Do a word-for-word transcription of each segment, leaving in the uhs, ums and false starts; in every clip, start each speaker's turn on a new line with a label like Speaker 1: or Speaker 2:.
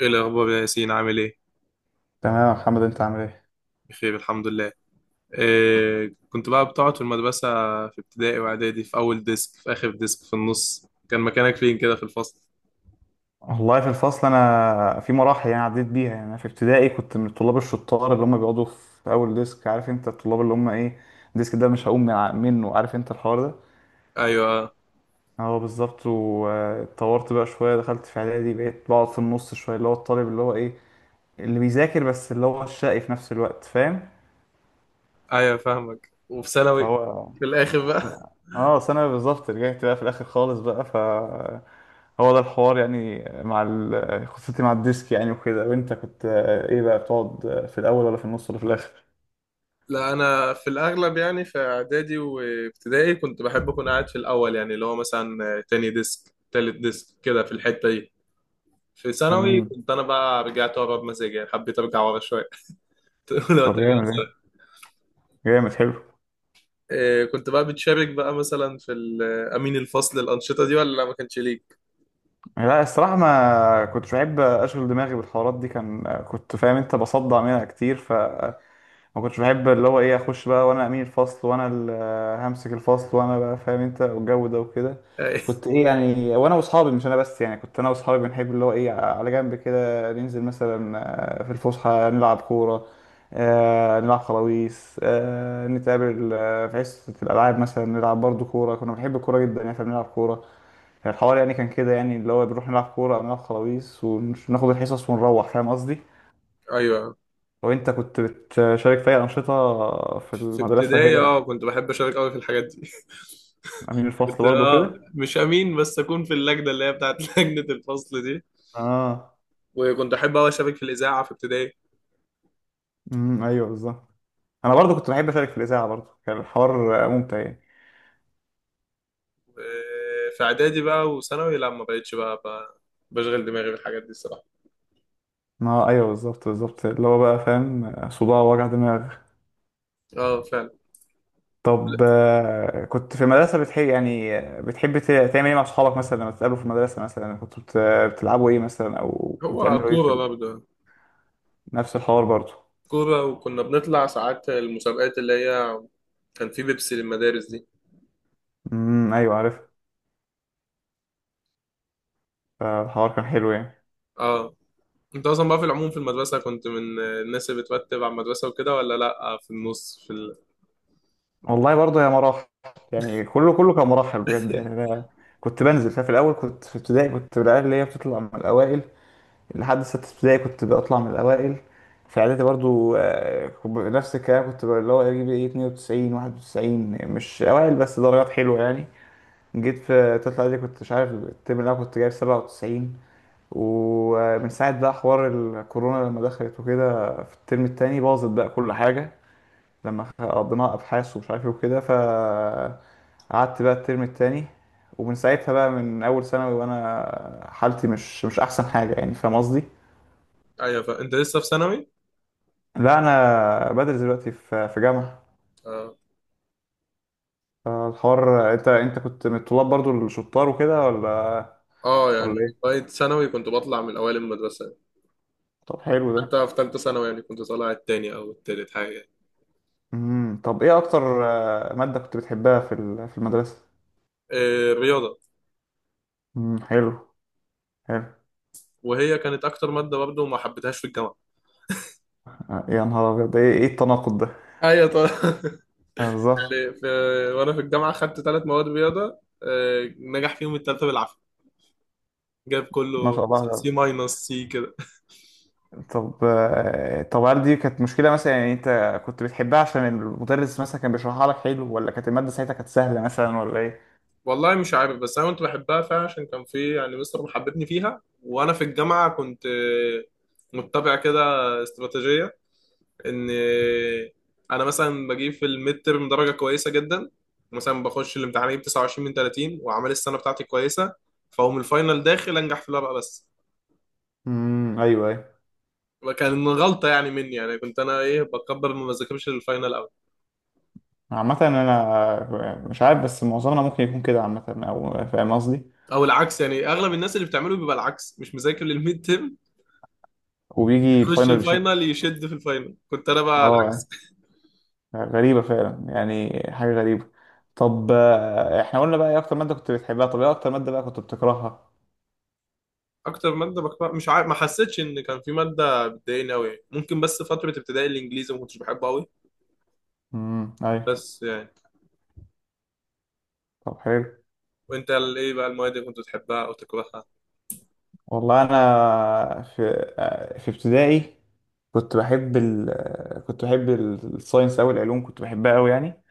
Speaker 1: ايه الاخبار يا ياسين؟ عامل ايه؟
Speaker 2: تمام يا محمد، انت عامل ايه؟
Speaker 1: بخير الحمد لله. إيه كنت بقى بتقعد في المدرسه في ابتدائي واعدادي؟ في اول ديسك، في اخر ديسك، في النص؟ كان مكانك فين كده في الفصل؟
Speaker 2: والله في الفصل انا في مراحل يعني، عديت بيها. يعني انا في ابتدائي كنت من الطلاب الشطار اللي هم بيقعدوا في اول ديسك، عارف انت الطلاب اللي هم ايه. الديسك ده مش هقوم من ع- منه، عارف انت الحوار ده.
Speaker 1: ايوه. آه،
Speaker 2: اه بالظبط. واتطورت بقى شويه، دخلت في اعدادي، بقيت بقعد في النص شويه. اللي هو الطالب اللي هو ايه، اللي بيذاكر بس اللي هو الشقي في نفس الوقت، فاهم.
Speaker 1: ايوه فاهمك. وفي ثانوي
Speaker 2: فهو
Speaker 1: في الاخر بقى؟
Speaker 2: اه، ثانوي بالظبط، رجعت بقى في الاخر خالص بقى. هو ده الحوار يعني، مع ال- قصتي مع الديسك يعني وكده. وانت كنت آه، ايه بقى، بتقعد آه، في الاول ولا في النص ولا في الاخر؟
Speaker 1: لا انا في الاغلب يعني في اعدادي وابتدائي كنت بحب اكون قاعد في الاول، يعني اللي هو مثلا تاني ديسك تالت ديسك كده، في الحته دي. في ثانوي
Speaker 2: امم.
Speaker 1: كنت انا بقى رجعت ورا بمزاجي، يعني حبيت ارجع ورا شويه. لو
Speaker 2: طب
Speaker 1: ترجع.
Speaker 2: جامد ايه، جامد حلو.
Speaker 1: آه، كنت بقى بتشارك بقى مثلا في ال- آه، امين الفصل الانشطه دي ولا لا ما كانش ليك؟
Speaker 2: لا الصراحة، ما كنتش بحب اشغل دماغي بالحوارات دي، كان كنت فاهم انت، بصدع منها كتير. ف ما كنتش بحب اللي هو ايه، اخش بقى وانا امين الفصل وانا اللي همسك الفصل، وانا بقى فاهم انت والجو ده وكده.
Speaker 1: آه،
Speaker 2: كنت ايه يعني، وانا واصحابي، مش انا بس يعني، كنت انا واصحابي بنحب اللي هو ايه، على جنب كده ننزل مثلا آه، في الفسحه نلعب كوره، آه، نلعب خلاويص، آه، نتقابل آه، في حصه الالعاب، مثلا نلعب برضو كوره. كنا بنحب الكوره جدا يعني، فبنلعب كوره. الحوار يعني كان كده يعني، اللي هو بنروح نلعب كوره او نلعب خلاويص وناخد الحصص ونروح، فاهم قصدي.
Speaker 1: ايوه
Speaker 2: وانت كنت بتشارك في اي انشطه في
Speaker 1: في
Speaker 2: المدرسه
Speaker 1: ابتدائي
Speaker 2: كده؟
Speaker 1: اه كنت بحب اشارك قوي في الحاجات دي.
Speaker 2: امين
Speaker 1: كنت
Speaker 2: الفصل برضه
Speaker 1: اه
Speaker 2: كده؟
Speaker 1: مش امين، بس اكون في اللجنه اللي هي بتاعت لجنه الفصل دي.
Speaker 2: اه.
Speaker 1: وكنت احب قوي اشارك في الاذاعه في ابتدائي.
Speaker 2: امم، ايوه بالظبط. انا برضه كنت بحب اشارك في الاذاعه، برضه كان الحوار ممتع يعني.
Speaker 1: آه، في اعدادي بقى وثانوي لا، ما بقتش بقى, بقى بشغل دماغي بالحاجات دي الصراحه.
Speaker 2: ما ايوه بالظبط بالظبط، اللي هو بقى فاهم، صداع وجع دماغ.
Speaker 1: اه فعلا.
Speaker 2: طب آه، كنت في المدرسه بتحب يعني، بتحب ت- تعمل ايه مع اصحابك مثلا لما تتقابلوا في المدرسه، مثلا كنتوا بت- بتلعبوا ايه مثلا، او
Speaker 1: هو
Speaker 2: بتعملوا ايه في
Speaker 1: كورة
Speaker 2: ال-
Speaker 1: برضه.
Speaker 2: نفس الحوار برضه.
Speaker 1: كورة، وكنا بنطلع ساعات المسابقات اللي هي كان في بيبسي للمدارس دي.
Speaker 2: امم، ايوه عارف. فالحوار كان حلو يعني.
Speaker 1: اه. انت اصلا بقى في العموم في المدرسه كنت من الناس اللي بترتب على المدرسه وكده ولا لا، في النص، في ال...؟
Speaker 2: والله برضه هي مراحل يعني، كله كله كان مراحل بجد يعني. انا كنت بنزل، ففي الاول كنت في ابتدائي، كنت من العيال اللي هي بتطلع من الاوائل. لحد سته ابتدائي كنت بطلع من الاوائل. في اعدادي برضه آه، كنت ب- نفس الكلام، كنت ب- اللي هو اجيب ايه اتنين وتسعين واحد وتسعين، مش اوائل بس درجات حلوه يعني. جيت في تالتة اعدادي كنت، مش عارف الترم، اللي انا كنت جايب سبعة وتسعين. ومن ساعة بقى حوار الكورونا لما دخلت وكده، في الترم التاني باظت بقى كل حاجة، لما خ- قضيناها ابحاث ومش عارف ايه وكده. ف قعدت بقى الترم التاني، ومن ساعتها بقى، من اول ثانوي وانا حالتي مش مش احسن حاجه يعني، فاهم قصدي.
Speaker 1: ايوه. فانت لسه في ثانوي؟
Speaker 2: لا انا بدرس دلوقتي في في جامعه.
Speaker 1: اه.
Speaker 2: فالحوار، انت انت كنت من الطلاب برضو الشطار وكده، ولا
Speaker 1: اه
Speaker 2: ولا
Speaker 1: يعني
Speaker 2: ايه؟
Speaker 1: لغايه ثانوي كنت بطلع من اوائل المدرسه يعني.
Speaker 2: طب حلو ده.
Speaker 1: حتى في ثالثه ثانوي يعني كنت طالع التاني او التالت حاجه يعني.
Speaker 2: امم، طب ايه اكتر آه، ماده كنت بتحبها في ال- في المدرسه؟
Speaker 1: آه رياضه.
Speaker 2: امم حلو. حلو.
Speaker 1: وهي كانت اكتر ماده برضه ما حبيتهاش في الجامعه.
Speaker 2: آه، يا نهار ابيض، ده ايه إيه التناقض ده؟
Speaker 1: ايوه طبعا.
Speaker 2: آه، بالظبط.
Speaker 1: يعني في... وانا في الجامعه خدت ثلاث مواد رياضه آه نجح فيهم الثالثه بالعافيه. جاب
Speaker 2: ما
Speaker 1: كله
Speaker 2: شاء
Speaker 1: سي
Speaker 2: الله.
Speaker 1: ماينس سي كده.
Speaker 2: طب آه، طب هل دي كانت مشكلة مثلا، يعني انت كنت بتحبها عشان المدرس مثلا كان بيشرحها لك حلو، ولا كانت المادة ساعتها كانت سهلة مثلا، ولا ايه؟
Speaker 1: والله مش عارف، بس انا كنت بحبها فعلا عشان كان في يعني مستر محببني فيها. وانا في الجامعه كنت آه، متبع كده استراتيجيه ان آه، انا مثلا بجيب في الميد ترم درجه كويسه جدا. مثلا بخش الامتحان اجيب تسعة وعشرين من ثلاثين واعمال السنه بتاعتي كويسه، فاقوم الفاينل داخل انجح في الورقه بس.
Speaker 2: امم، ايوه ايوه.
Speaker 1: وكان غلطه يعني مني، يعني كنت انا ايه بكبر ما بذاكرش للفاينل قوي.
Speaker 2: عامة انا مش عارف بس، معظمنا ممكن يكون كده عامة، او فاهم قصدي.
Speaker 1: او العكس، يعني اغلب الناس اللي بتعمله بيبقى العكس، مش مذاكر للميد ترم،
Speaker 2: وبيجي
Speaker 1: يخش
Speaker 2: الفاينل شيء.
Speaker 1: الفاينل يشد في الفاينل. كنت انا بقى
Speaker 2: اه. غريبة فعلا، يعني حاجة غريبة. طب آه، احنا قلنا بقى ايه اكتر مادة كنت بتحبها، طب ايه اكتر مادة بقى كنت بتكرهها؟
Speaker 1: اكتر ماده بكره مش عارف، ما حسيتش ان كان في ماده بتضايقني قوي، ممكن بس فتره ابتدائي الانجليزي ما كنتش بحبه قوي،
Speaker 2: امم، ايوه.
Speaker 1: بس يعني.
Speaker 2: طب حلو.
Speaker 1: وانت ال- ايه بقى المواد اللي كنت بتحبها او تكرهها؟
Speaker 2: والله انا في آه، في ابتدائي، كنت بحب ال كنت بحب ال- الساينس أوي، العلوم كنت بحبها أوي يعني.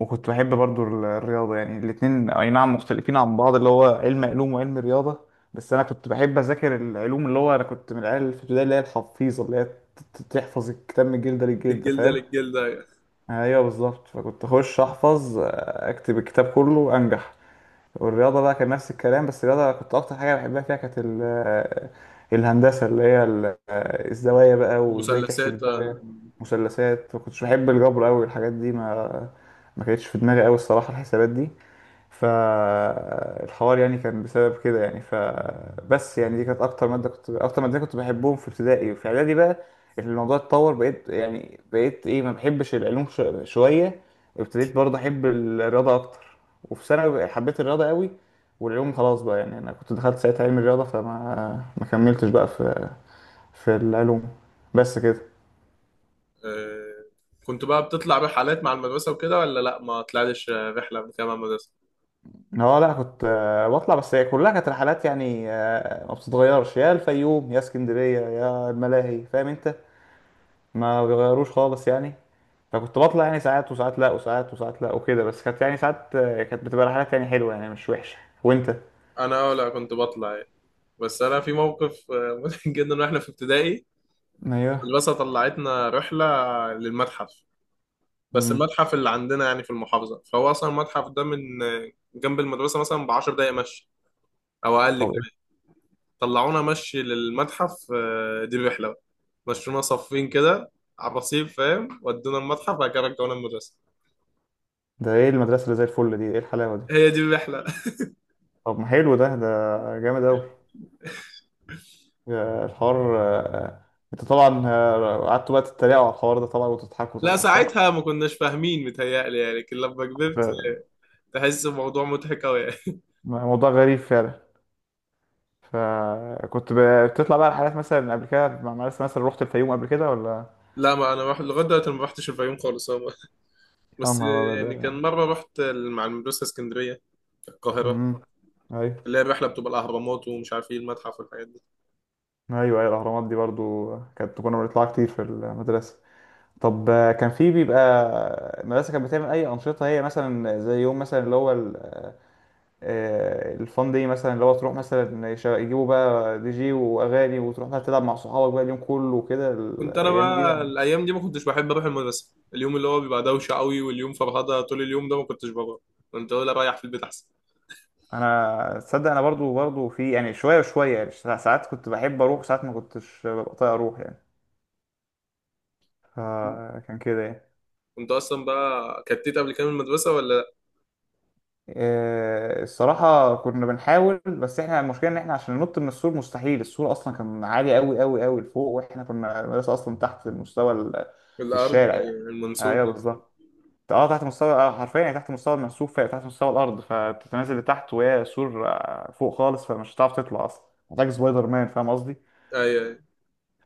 Speaker 2: وكنت بحب برضو ال- الرياضة يعني، الاتنين أي نعم مختلفين عن بعض، اللي هو علم علوم وعلم رياضة. بس أنا كنت بحب أذاكر العلوم، اللي هو أنا كنت من العيال اللي في البداية، اللي هي الحفيظة، اللي هي ت- ت- تحفظ الكتاب من جلدة للجلدة،
Speaker 1: الجلده
Speaker 2: فاهم.
Speaker 1: للجلده.
Speaker 2: أيوه بالظبط. فكنت أخش أحفظ أكتب الكتاب كله أنجح. والرياضة بقى كان نفس الكلام، بس الرياضة كنت أكتر حاجة بحبها فيها كانت ال- آه، الهندسة، اللي هي ال- آه، الزوايا بقى، وإزاي تحسب
Speaker 1: المثلثات آه،
Speaker 2: الزوايا، مثلثات. ما كنتش بحب الجبر أوي والحاجات دي. ما ما كانتش في دماغي أوي الصراحة الحسابات دي. فالحوار يعني كان بسبب كده يعني، فبس يعني، دي كانت اكتر ماده كنت اكتر مادتين كنت بحبهم في ابتدائي. وفي اعدادي بقى الموضوع اتطور، بقيت يعني بقيت ايه، ما بحبش العلوم ش- شويه. ابتديت برضه احب الرياضه اكتر. وفي ثانوي بقى حبيت الرياضه قوي. والعلوم خلاص بقى يعني، انا كنت دخلت ساعتها علم الرياضه، فما ما كملتش بقى في في العلوم. بس كده.
Speaker 1: آه، كنت بقى بتطلع رحلات مع المدرسه وكده، ولا لا ما طلعتش رحله قبل كده مع المدرسه؟
Speaker 2: هو لا، كنت آه، بطلع، بس هي كلها كانت رحلات يعني، آه، ما بتتغيرش، يا الفيوم يا اسكندرية يا الملاهي، فاهم انت. ما بيغيروش خالص يعني. فكنت بطلع يعني، ساعات وساعات لا وساعات وساعات لا وكده، بس كانت يعني، ساعات آه، كانت بتبقى رحلات يعني حلوة يعني، مش وحشة. وانت؟
Speaker 1: انا اه لا كنت بطلع يعني. بس انا في موقف آه، مضحك جدا واحنا في ابتدائي.
Speaker 2: ايوه.
Speaker 1: المدرسه طلعتنا رحله للمتحف. بس
Speaker 2: امم.
Speaker 1: المتحف اللي عندنا يعني في المحافظة، فهو أصلا المتحف ده من جنب المدرسة مثلا بعشر دقايق مشي، أو أقل
Speaker 2: طب ايه
Speaker 1: كمان. طلعونا مشي للمتحف، آه، دي الرحلة بقى. مشونا صفين كده على الرصيف، فاهم، ودونا المتحف، بعد كده رجعونا المدرسة.
Speaker 2: ده، ايه المدرسة اللي زي الفل دي، ايه الحلاوة دي.
Speaker 1: هي دي الرحلة.
Speaker 2: طب ما حلو ده ده جامد اوي. آه، الحوار آه، انت طبعا، آه، قعدتوا بقى تتريقوا على الحوار ده طبعا وتضحكوا
Speaker 1: لا
Speaker 2: طبعا، صح؟
Speaker 1: ساعتها ما كناش فاهمين متهيألي يعني، لكن لما كبرت
Speaker 2: ده
Speaker 1: تحس الموضوع مضحك أوي يعني.
Speaker 2: موضوع غريب فعلا. فكنت ب- بتطلع بقى رحلات مثلا قبل كده مع مدرسة، مثلا رحت الفيوم قبل كده ولا؟
Speaker 1: لا ما أنا رحت لغاية دلوقتي ما رحتش الفيوم خالص هو.
Speaker 2: يا
Speaker 1: بس
Speaker 2: نهار أبيض.
Speaker 1: يعني كان مرة رحت مع المدرسة اسكندرية، القاهرة،
Speaker 2: امم. أيوه.
Speaker 1: اللي هي الرحلة بتبقى الأهرامات ومش عارف إيه المتحف والحاجات دي.
Speaker 2: أيوه، أيوه، الأهرامات دي برضو كانت كنا بنطلعها كتير في المدرسة. طب آه، كان في بيبقى المدرسة كانت بتعمل أي أنشطة هي، مثلا زي يوم مثلا اللي هو ال- آه، الفان دي مثلا، اللي هو تروح مثلا، يش- يجيبوا بقى دي جي وأغاني، وتروح بقى تلعب مع صحابك بقى اليوم كله وكده،
Speaker 1: كنت انا
Speaker 2: الأيام دي.
Speaker 1: بقى الايام دي ما كنتش بحب اروح المدرسه. اليوم اللي هو بيبقى دوشه قوي واليوم فرهده طول اليوم ده ما كنتش بروح، كنت اقول اريح في البيت احسن.
Speaker 2: انا تصدق، انا برضو برضو في يعني شويه وشويه يعني، سا- ساعات كنت بحب اروح، ساعات ما كنتش ببقى طايق اروح يعني. فكان كده يعني.
Speaker 1: كنت اصلا بقى كتيت قبل كده من المدرسه ولا
Speaker 2: إيه، الصراحه كنا بنحاول، بس احنا المشكله ان احنا عشان ننط من السور مستحيل، السور اصلا كان عالي قوي قوي قوي لفوق، واحنا كنا المدرسه اصلا تحت مستوى ال-
Speaker 1: لا؟ الارض
Speaker 2: الشارع يعني.
Speaker 1: أيوة،
Speaker 2: ايوه
Speaker 1: المنصوبه.
Speaker 2: بالظبط. اه، تحت مستوى آه، حرفيا يعني تحت مستوى المرسوف، تحت مستوى الارض، فتتنازل لتحت، وهي سور آه، فوق خالص، فمش هتعرف تطلع اصلا، محتاج سبايدر مان، فاهم قصدي.
Speaker 1: ايوه أيوة.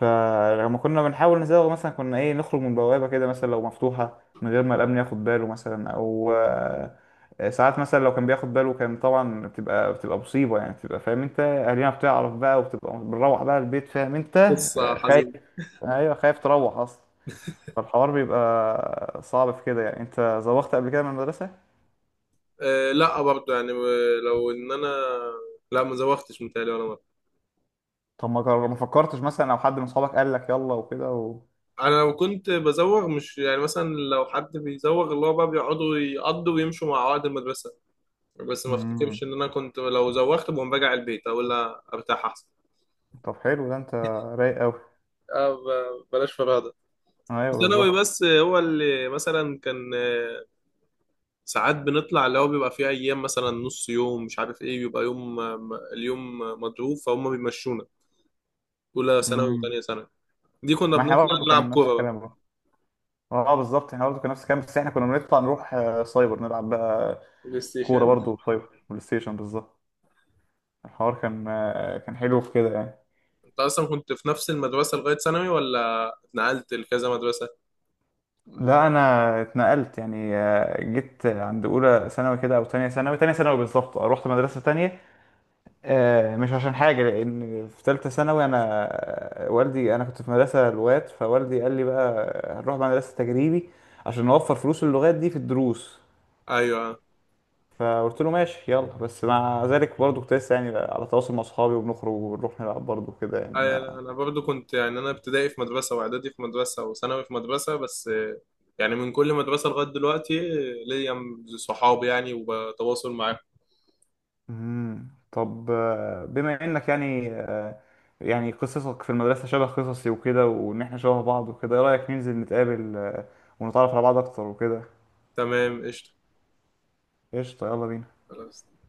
Speaker 2: فلما كنا بنحاول نزوغ مثلا، كنا ايه، نخرج من بوابة كده مثلا لو مفتوحة من غير ما الأمن ياخد باله مثلا، أو آه، ساعات مثلا لو كان بياخد باله، كان طبعا بتبقى، بتبقى مصيبة يعني، بتبقى فاهم انت، أهالينا بتعرف بقى، وبتبقى بنروح بقى البيت، فاهم انت.
Speaker 1: قصه
Speaker 2: آه، خايف.
Speaker 1: حزينه.
Speaker 2: أيوه، خايف تروح أصلا. فالحوار بيبقى صعب في كده يعني. انت زوغت قبل كده من المدرسة؟
Speaker 1: أه لا برضه يعني. لو ان انا لا ما زوغتش متهيألي ولا مره.
Speaker 2: طب ما جر- ما فكرتش مثلا، أو حد من صحابك قال لك يلا وكده و...
Speaker 1: انا لو كنت بزوغ مش يعني مثلا لو حد بيزوغ اللي هو بقى بيقعدوا يقضوا ويمشوا مع عقد المدرسه، بس ما
Speaker 2: مم.
Speaker 1: افتكرش ان انا كنت لو زوغت بقوم راجع البيت اقول لا ارتاح احسن.
Speaker 2: طب حلو ده، انت رايق أوي.
Speaker 1: اه ب- بلاش فرهده. في
Speaker 2: أيوه
Speaker 1: ثانوي
Speaker 2: بالظبط.
Speaker 1: بس هو اللي مثلا كان آه، ساعات بنطلع، اللي هو بيبقى فيه ايام مثلا نص يوم مش عارف ايه بيبقى يوم آه، م- اليوم مضروب فهم بيمشونا، اولى ثانوي
Speaker 2: مم.
Speaker 1: وثانيه ثانوي دي كنا
Speaker 2: ما احنا
Speaker 1: بنطلع.
Speaker 2: برضه
Speaker 1: نلعب
Speaker 2: كان نفس
Speaker 1: كوره بقى،
Speaker 2: الكلام برضه. اه بالظبط، احنا برضه كان نفس الكلام، بس احنا كنا بنطلع نروح آه، سايبر نلعب بقى،
Speaker 1: بلاي
Speaker 2: كوره
Speaker 1: ستيشن.
Speaker 2: برضه، سايبر بلاي ستيشن بالظبط. الحوار كان آه، كان حلو في كده يعني.
Speaker 1: انت اصلا كنت في نفس المدرسه لغايه ثانوي ولا اتنقلت لكذا مدرسه؟
Speaker 2: لا انا اتنقلت يعني، آه، جيت عند اولى ثانوي كده او تانية ثانوي، تانية ثانوي بالظبط. آه، رحت مدرسه تانية آه، مش عشان حاجه. لان في ثالثه ثانوي انا آه، والدي، انا كنت في مدرسه لغات، فوالدي قال لي بقى هنروح بقى مدرسه تجريبي عشان نوفر فلوس اللغات دي في الدروس.
Speaker 1: ايوه.
Speaker 2: فقلت له ماشي يلا. بس مع ذلك برضه كنت لسه يعني على تواصل مع اصحابي، وبنخرج وبنروح نلعب برضه كده يعني
Speaker 1: انا
Speaker 2: ما.
Speaker 1: أنا برضو كنت يعني انا ابتدائي في مدرسه واعدادي في مدرسه وثانوي في مدرسه، بس يعني من كل مدرسه لغايه دلوقتي ليا صحاب يعني وبتواصل معاهم.
Speaker 2: مم. طب آه، بما انك يعني آه، يعني قصصك في المدرسة شبه قصصي وكده، وان احنا شبه بعض وكده، ايه رأيك ننزل نتقابل آه، ونتعرف على بعض اكتر وكده؟
Speaker 1: تمام قشطه.
Speaker 2: قشطة، يلا بينا.
Speaker 1: خلاص.